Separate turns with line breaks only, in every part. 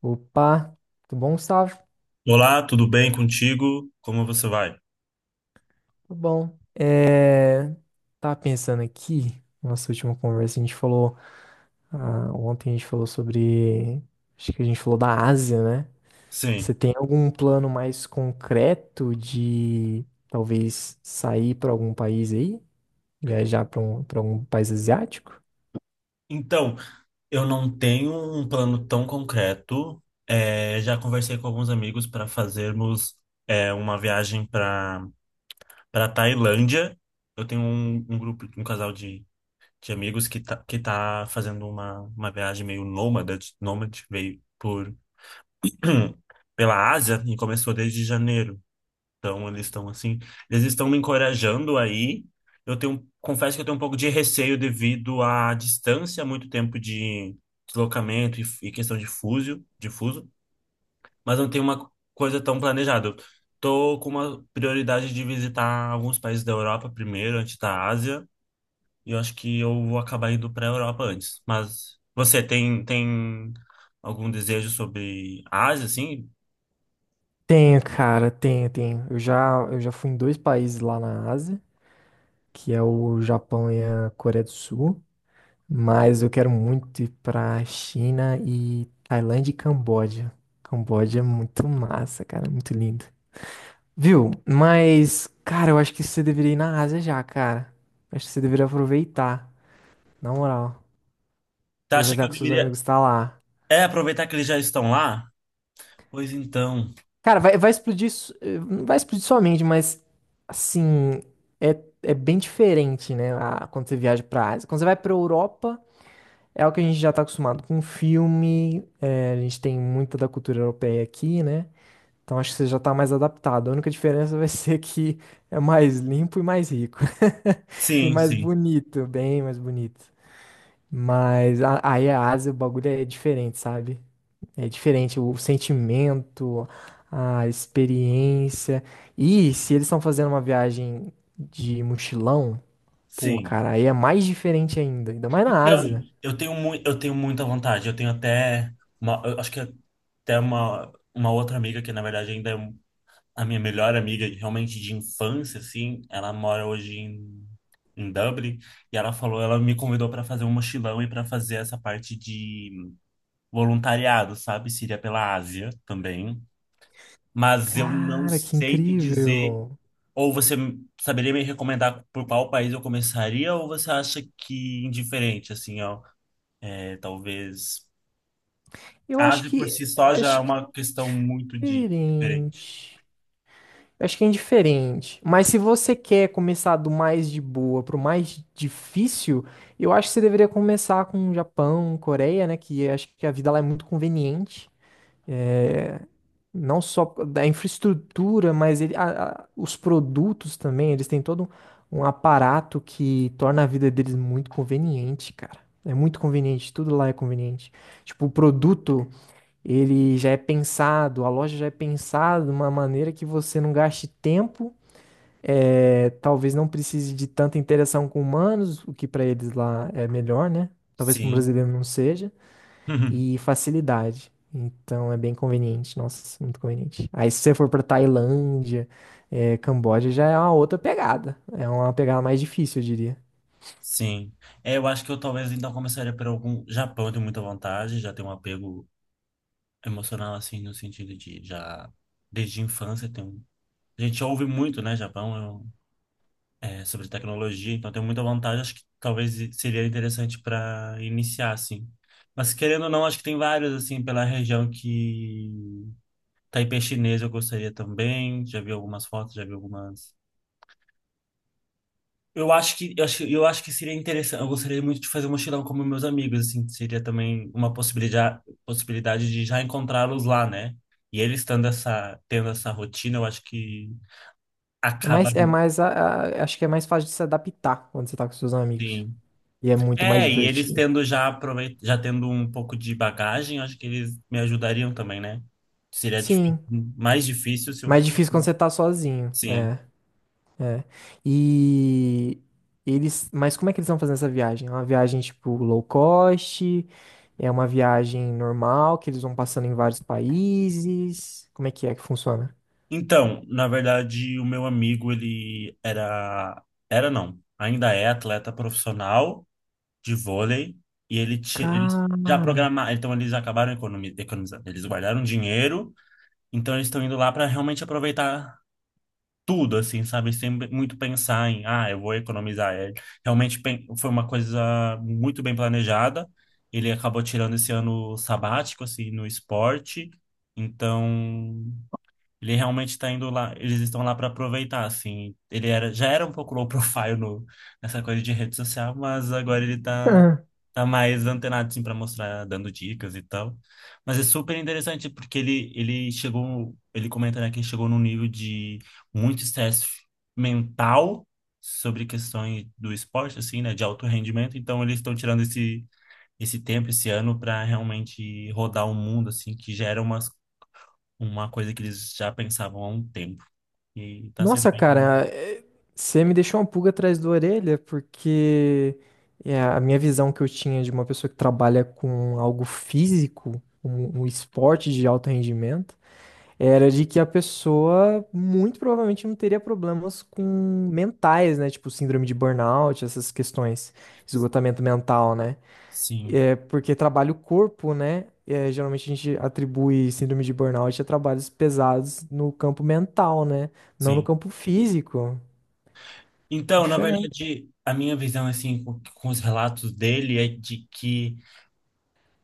Opa, tudo bom, Gustavo?
Olá, tudo bem contigo? Como você vai?
Tudo bom. Tava pensando aqui, nossa última conversa, a gente falou, ah, ontem a gente falou sobre, acho que a gente falou da Ásia, né? Você
Sim.
tem algum plano mais concreto de talvez sair para algum país aí? Viajar para algum país asiático?
Então, eu não tenho um plano tão concreto. É, já conversei com alguns amigos para fazermos uma viagem para Tailândia. Eu tenho um grupo, um casal de amigos que tá fazendo uma viagem meio nômade, nômade, veio por pela Ásia e começou desde janeiro. Então, eles estão assim, eles estão me encorajando aí. Eu tenho, confesso que eu tenho um pouco de receio devido à distância, muito tempo de deslocamento e questão de fuso, mas não tem uma coisa tão planejada. Eu tô com uma prioridade de visitar alguns países da Europa primeiro, antes da Ásia, e eu acho que eu vou acabar indo para a Europa antes. Mas você tem algum desejo sobre a Ásia, assim?
Tenho, cara, tenho, tenho. Eu já fui em dois países lá na Ásia, que é o Japão e a Coreia do Sul. Mas eu quero muito ir pra China e Tailândia e Camboja. Camboja é muito massa, cara, muito lindo. Viu? Mas, cara, eu acho que você deveria ir na Ásia já, cara. Eu acho que você deveria aproveitar, na moral.
Tá, acha que
Aproveitar
eu
que seus
deveria
amigos tá lá.
aproveitar que eles já estão lá? Pois então.
Cara, vai explodir, não vai explodir sua mente, mas, assim, é bem diferente, né, a- quando você viaja pra Ásia. Quando você vai pra Europa. É algo que a gente já está acostumado com filme, é, a gente tem muita da cultura europeia aqui, né? Então acho que você já está mais adaptado. A única diferença vai ser que é mais limpo e mais rico. E
Sim,
mais
sim,
bonito, bem mais bonito. Mas a- aí a Ásia, o bagulho é diferente, sabe? É diferente o sentimento, a experiência. E se eles estão fazendo uma viagem de mochilão, pô,
sim.
cara, aí é mais diferente ainda, ainda mais na
Então,
Ásia.
eu tenho muita vontade. Eu tenho até uma, eu acho que até uma outra amiga que na verdade a minha melhor amiga, realmente de infância, assim. Ela mora hoje em Dublin e ela me convidou para fazer um mochilão e para fazer essa parte de voluntariado, sabe? Seria pela Ásia também. Mas eu não
Cara, que
sei te dizer.
incrível.
Ou você saberia me recomendar por qual país eu começaria, ou você acha que indiferente, assim, ó, talvez
Eu
a Ásia por si só já é
acho que é
uma questão muito de diferente.
diferente. Acho que é indiferente. Mas se você quer começar do mais de boa pro mais difícil, eu acho que você deveria começar com Japão, Coreia, né? Que acho que a vida lá é muito conveniente. Não só da infraestrutura, mas ele, a- os produtos também, eles têm todo um, um aparato que torna a vida deles muito conveniente, cara. É muito conveniente, tudo lá é conveniente. Tipo, o produto, ele já é pensado, a loja já é pensada de uma maneira que você não gaste tempo, é, talvez não precise de tanta interação com humanos, o que pra eles lá é melhor, né? Talvez para um
Sim.
brasileiro não seja e facilidade. Então é bem conveniente, nossa, muito conveniente. Aí se você for pra Tailândia, Camboja já é uma outra pegada. É uma pegada mais difícil, eu diria.
Sim. É, eu acho que eu talvez então começaria por algum Japão, eu tenho muita vontade, já tenho um apego emocional assim no sentido de já desde a infância tem um. A gente ouve muito, né, Japão, é um sobre tecnologia, então tem muita vantagem. Acho que talvez seria interessante para iniciar, assim. Mas querendo ou não, acho que tem vários, assim, pela região que Taipei chinês eu gostaria também. Já vi algumas fotos, já vi algumas. Eu acho que seria interessante. Eu gostaria muito de fazer um mochilão como meus amigos, assim. Seria também uma possibilidade, possibilidade de já encontrá-los lá, né? E eles tendo essa rotina, eu acho que
É
acaba,
mais, é mais, a- acho que é mais fácil de se adaptar quando você tá com seus amigos.
assim.
E é muito mais
E eles
divertido.
tendo já tendo um pouco de bagagem, acho que eles me ajudariam também, né? Seria
Sim,
mais difícil se eu
mais
for.
difícil quando você tá sozinho.
Sim.
É. É. E eles, mas como é que eles estão fazendo essa viagem? É uma viagem tipo low cost? É uma viagem normal que eles vão passando em vários países? Como é que funciona?
Então, na verdade, o meu amigo, ele era não, ainda é atleta profissional de vôlei e eles já
Cara.
programaram, então eles acabaram economizando, eles guardaram dinheiro, então eles estão indo lá para realmente aproveitar tudo, assim, sabe? Sempre muito pensar em, ah, eu vou economizar. É, realmente foi uma coisa muito bem planejada. Ele acabou tirando esse ano sabático, assim, no esporte. Então, ele realmente está indo lá, eles estão lá para aproveitar, assim. Ele era, já era um pouco low profile no, nessa coisa de rede social, mas agora ele está
Ah,
tá mais antenado assim para mostrar, dando dicas e tal. Mas é super interessante porque ele chegou, ele comenta né, que ele chegou num nível de muito estresse mental sobre questões do esporte assim, né, de alto rendimento. Então eles estão tirando esse tempo esse ano para realmente rodar o mundo assim, que já era uma coisa que eles já pensavam há um tempo. E tá sendo
nossa,
bem.
cara, é, você me deixou uma pulga atrás da orelha porque é, a minha visão que eu tinha de uma pessoa que trabalha com algo físico, um esporte de alto rendimento era de que a pessoa muito provavelmente não teria problemas com mentais, né? Tipo síndrome de burnout, essas questões, esgotamento mental, né?
Sim,
É porque trabalha o corpo, né? É, geralmente a gente atribui síndrome de burnout a trabalhos pesados no campo mental, né? Não no
sim.
campo físico.
Então, na
Diferente.
verdade, a minha visão, assim, com os relatos dele é de que.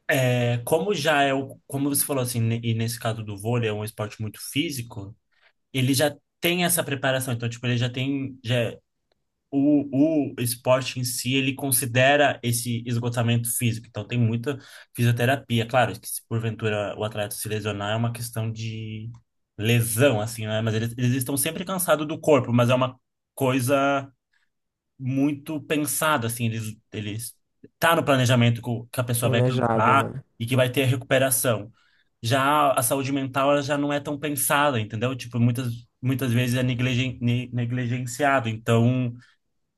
É, como já é como você falou assim, e nesse caso do vôlei é um esporte muito físico, ele já tem essa preparação, então tipo, ele já tem o esporte em si, ele considera esse esgotamento físico. Então tem muita fisioterapia, claro, que se porventura o atleta se lesionar é uma questão de lesão assim, né? Mas eles estão sempre cansados do corpo, mas é uma coisa muito pensado, assim, eles tá no planejamento que a pessoa vai
Planejado,
cansar
né?
e que vai ter recuperação. Já a saúde mental, ela já não é tão pensada, entendeu? Tipo, muitas vezes é negligenciado. Então,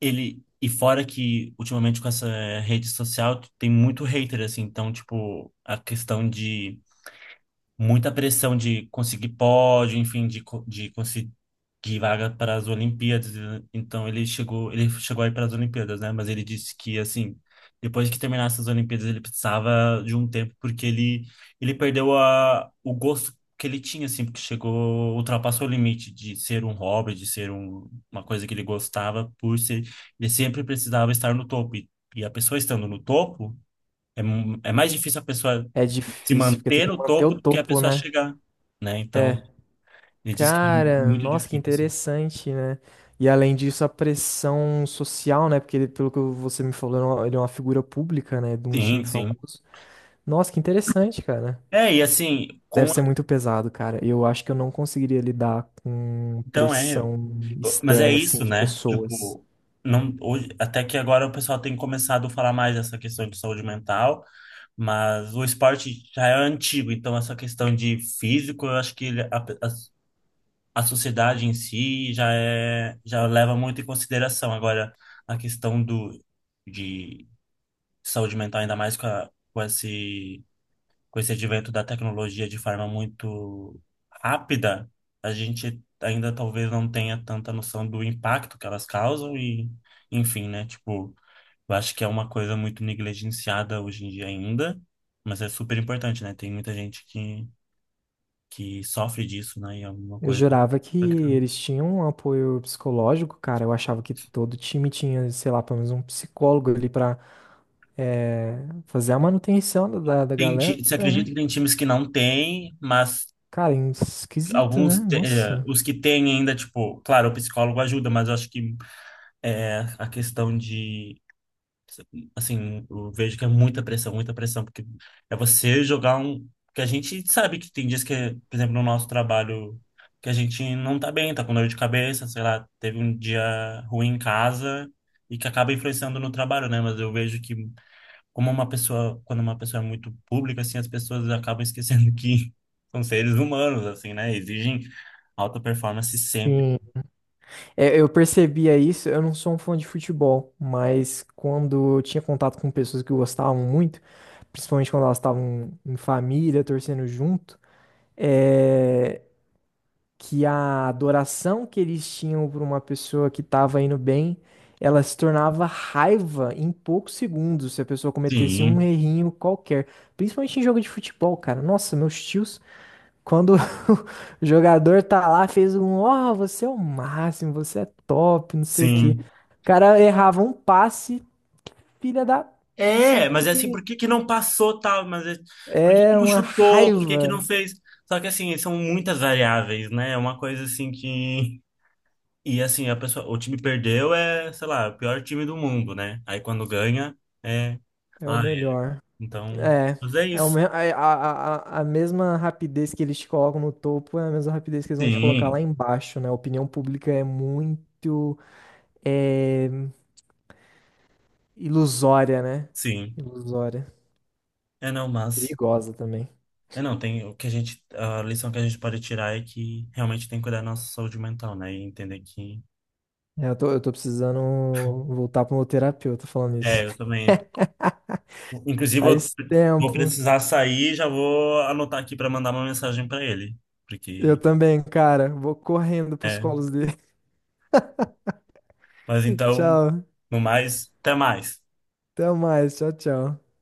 e fora que, ultimamente, com essa rede social, tem muito hater, assim. Então, tipo, a questão de muita pressão de conseguir pódio, enfim, de conseguir vaga para as Olimpíadas. Então ele chegou aí para as Olimpíadas, né? Mas ele disse que assim, depois que terminasse as Olimpíadas, ele precisava de um tempo porque ele perdeu o gosto que ele tinha assim, porque chegou, ultrapassou o limite de ser um hobby, de ser uma coisa que ele gostava por ser. Ele sempre precisava estar no topo. E a pessoa estando no topo, é mais difícil a pessoa
É
se
difícil, porque tem
manter
que
no
manter o
topo do que a
topo,
pessoa
né?
chegar, né? Então,
É.
ele disse que é
Cara,
muito
nossa, que
difícil, assim.
interessante, né? E além disso, a pressão social, né? Porque ele, pelo que você me falou, ele é uma figura pública, né? De um time
Sim, sim.
famoso. Nossa, que interessante, cara.
E assim,
Deve ser muito pesado, cara. Eu acho que eu não conseguiria lidar com
então
pressão
mas é
externa, assim,
isso,
de
né?
pessoas.
Tipo, não hoje, até que agora o pessoal tem começado a falar mais dessa questão de saúde mental, mas o esporte já é antigo, então essa questão de físico, eu acho que a sociedade em si já leva muito em consideração. Agora, a questão do de saúde mental, ainda mais com esse advento da tecnologia de forma muito rápida, a gente ainda talvez não tenha tanta noção do impacto que elas causam e, enfim, né? Tipo, eu acho que é uma coisa muito negligenciada hoje em dia ainda, mas é super importante, né? Tem muita gente que sofre disso, né? E é uma
Eu
coisa.
jurava que eles tinham um apoio psicológico, cara. Eu achava que todo time tinha, sei lá, pelo menos um psicólogo ali pra eh, fazer a manutenção da da
tem,
galera,
ti- você acredita
né?
que tem times que não tem, mas
Cara, esquisito, né? Nossa.
os que têm ainda, tipo, claro, o psicólogo ajuda, mas eu acho que é a questão de, assim, eu vejo que é muita pressão, porque é você jogar um, que a gente sabe que tem dias que, por exemplo, no nosso trabalho, que a gente não tá bem, tá com dor de cabeça, sei lá, teve um dia ruim em casa e que acaba influenciando no trabalho, né? Mas eu vejo que quando uma pessoa é muito pública, assim, as pessoas acabam esquecendo que são seres humanos, assim, né? Exigem alta performance sempre.
Sim. É, eu percebia isso, eu não sou um fã de futebol, mas quando eu tinha contato com pessoas que gostavam muito, principalmente quando elas estavam em família, torcendo junto, é, que a adoração que eles tinham por uma pessoa que estava indo bem, ela se tornava raiva em poucos segundos se a pessoa cometesse um
Sim,
errinho qualquer, principalmente em jogo de futebol, cara. Nossa, meus tios. Quando o jogador tá lá, fez um, ó, você é o máximo, você é top, não sei o quê.
sim.
O cara errava um passe, filha da, não sei o
É, mas é assim,
quê.
por que que não passou tal? Mas é- por que que
É
não
uma
chutou? Por que que
raiva,
não fez? Só que assim, são muitas variáveis, né? É uma coisa assim que. E assim, a pessoa, o time perdeu sei lá, o pior time do mundo, né? Aí quando ganha, é.
é o
Ai,
melhor.
então.
É,
Mas é isso.
a, a mesma rapidez que eles te colocam no topo, é a mesma rapidez que eles vão te colocar lá
Sim,
embaixo, né? A opinião pública é muito é, ilusória, né?
sim.
Ilusória.
É não, mas.
Perigosa também.
É não, tem o que a gente. A lição que a gente pode tirar é que realmente tem que cuidar da nossa saúde mental, né? E entender que.
É, eu tô precisando voltar pro meu terapeuta falando isso.
É, eu também. Inclusive, eu
Faz
vou
tempo.
precisar sair, já vou anotar aqui para mandar uma mensagem para ele,
Eu
porque
também, cara. Vou correndo pros
é.
colos dele.
Mas então,
Tchau.
no mais, até mais.
Até mais. Tchau, tchau.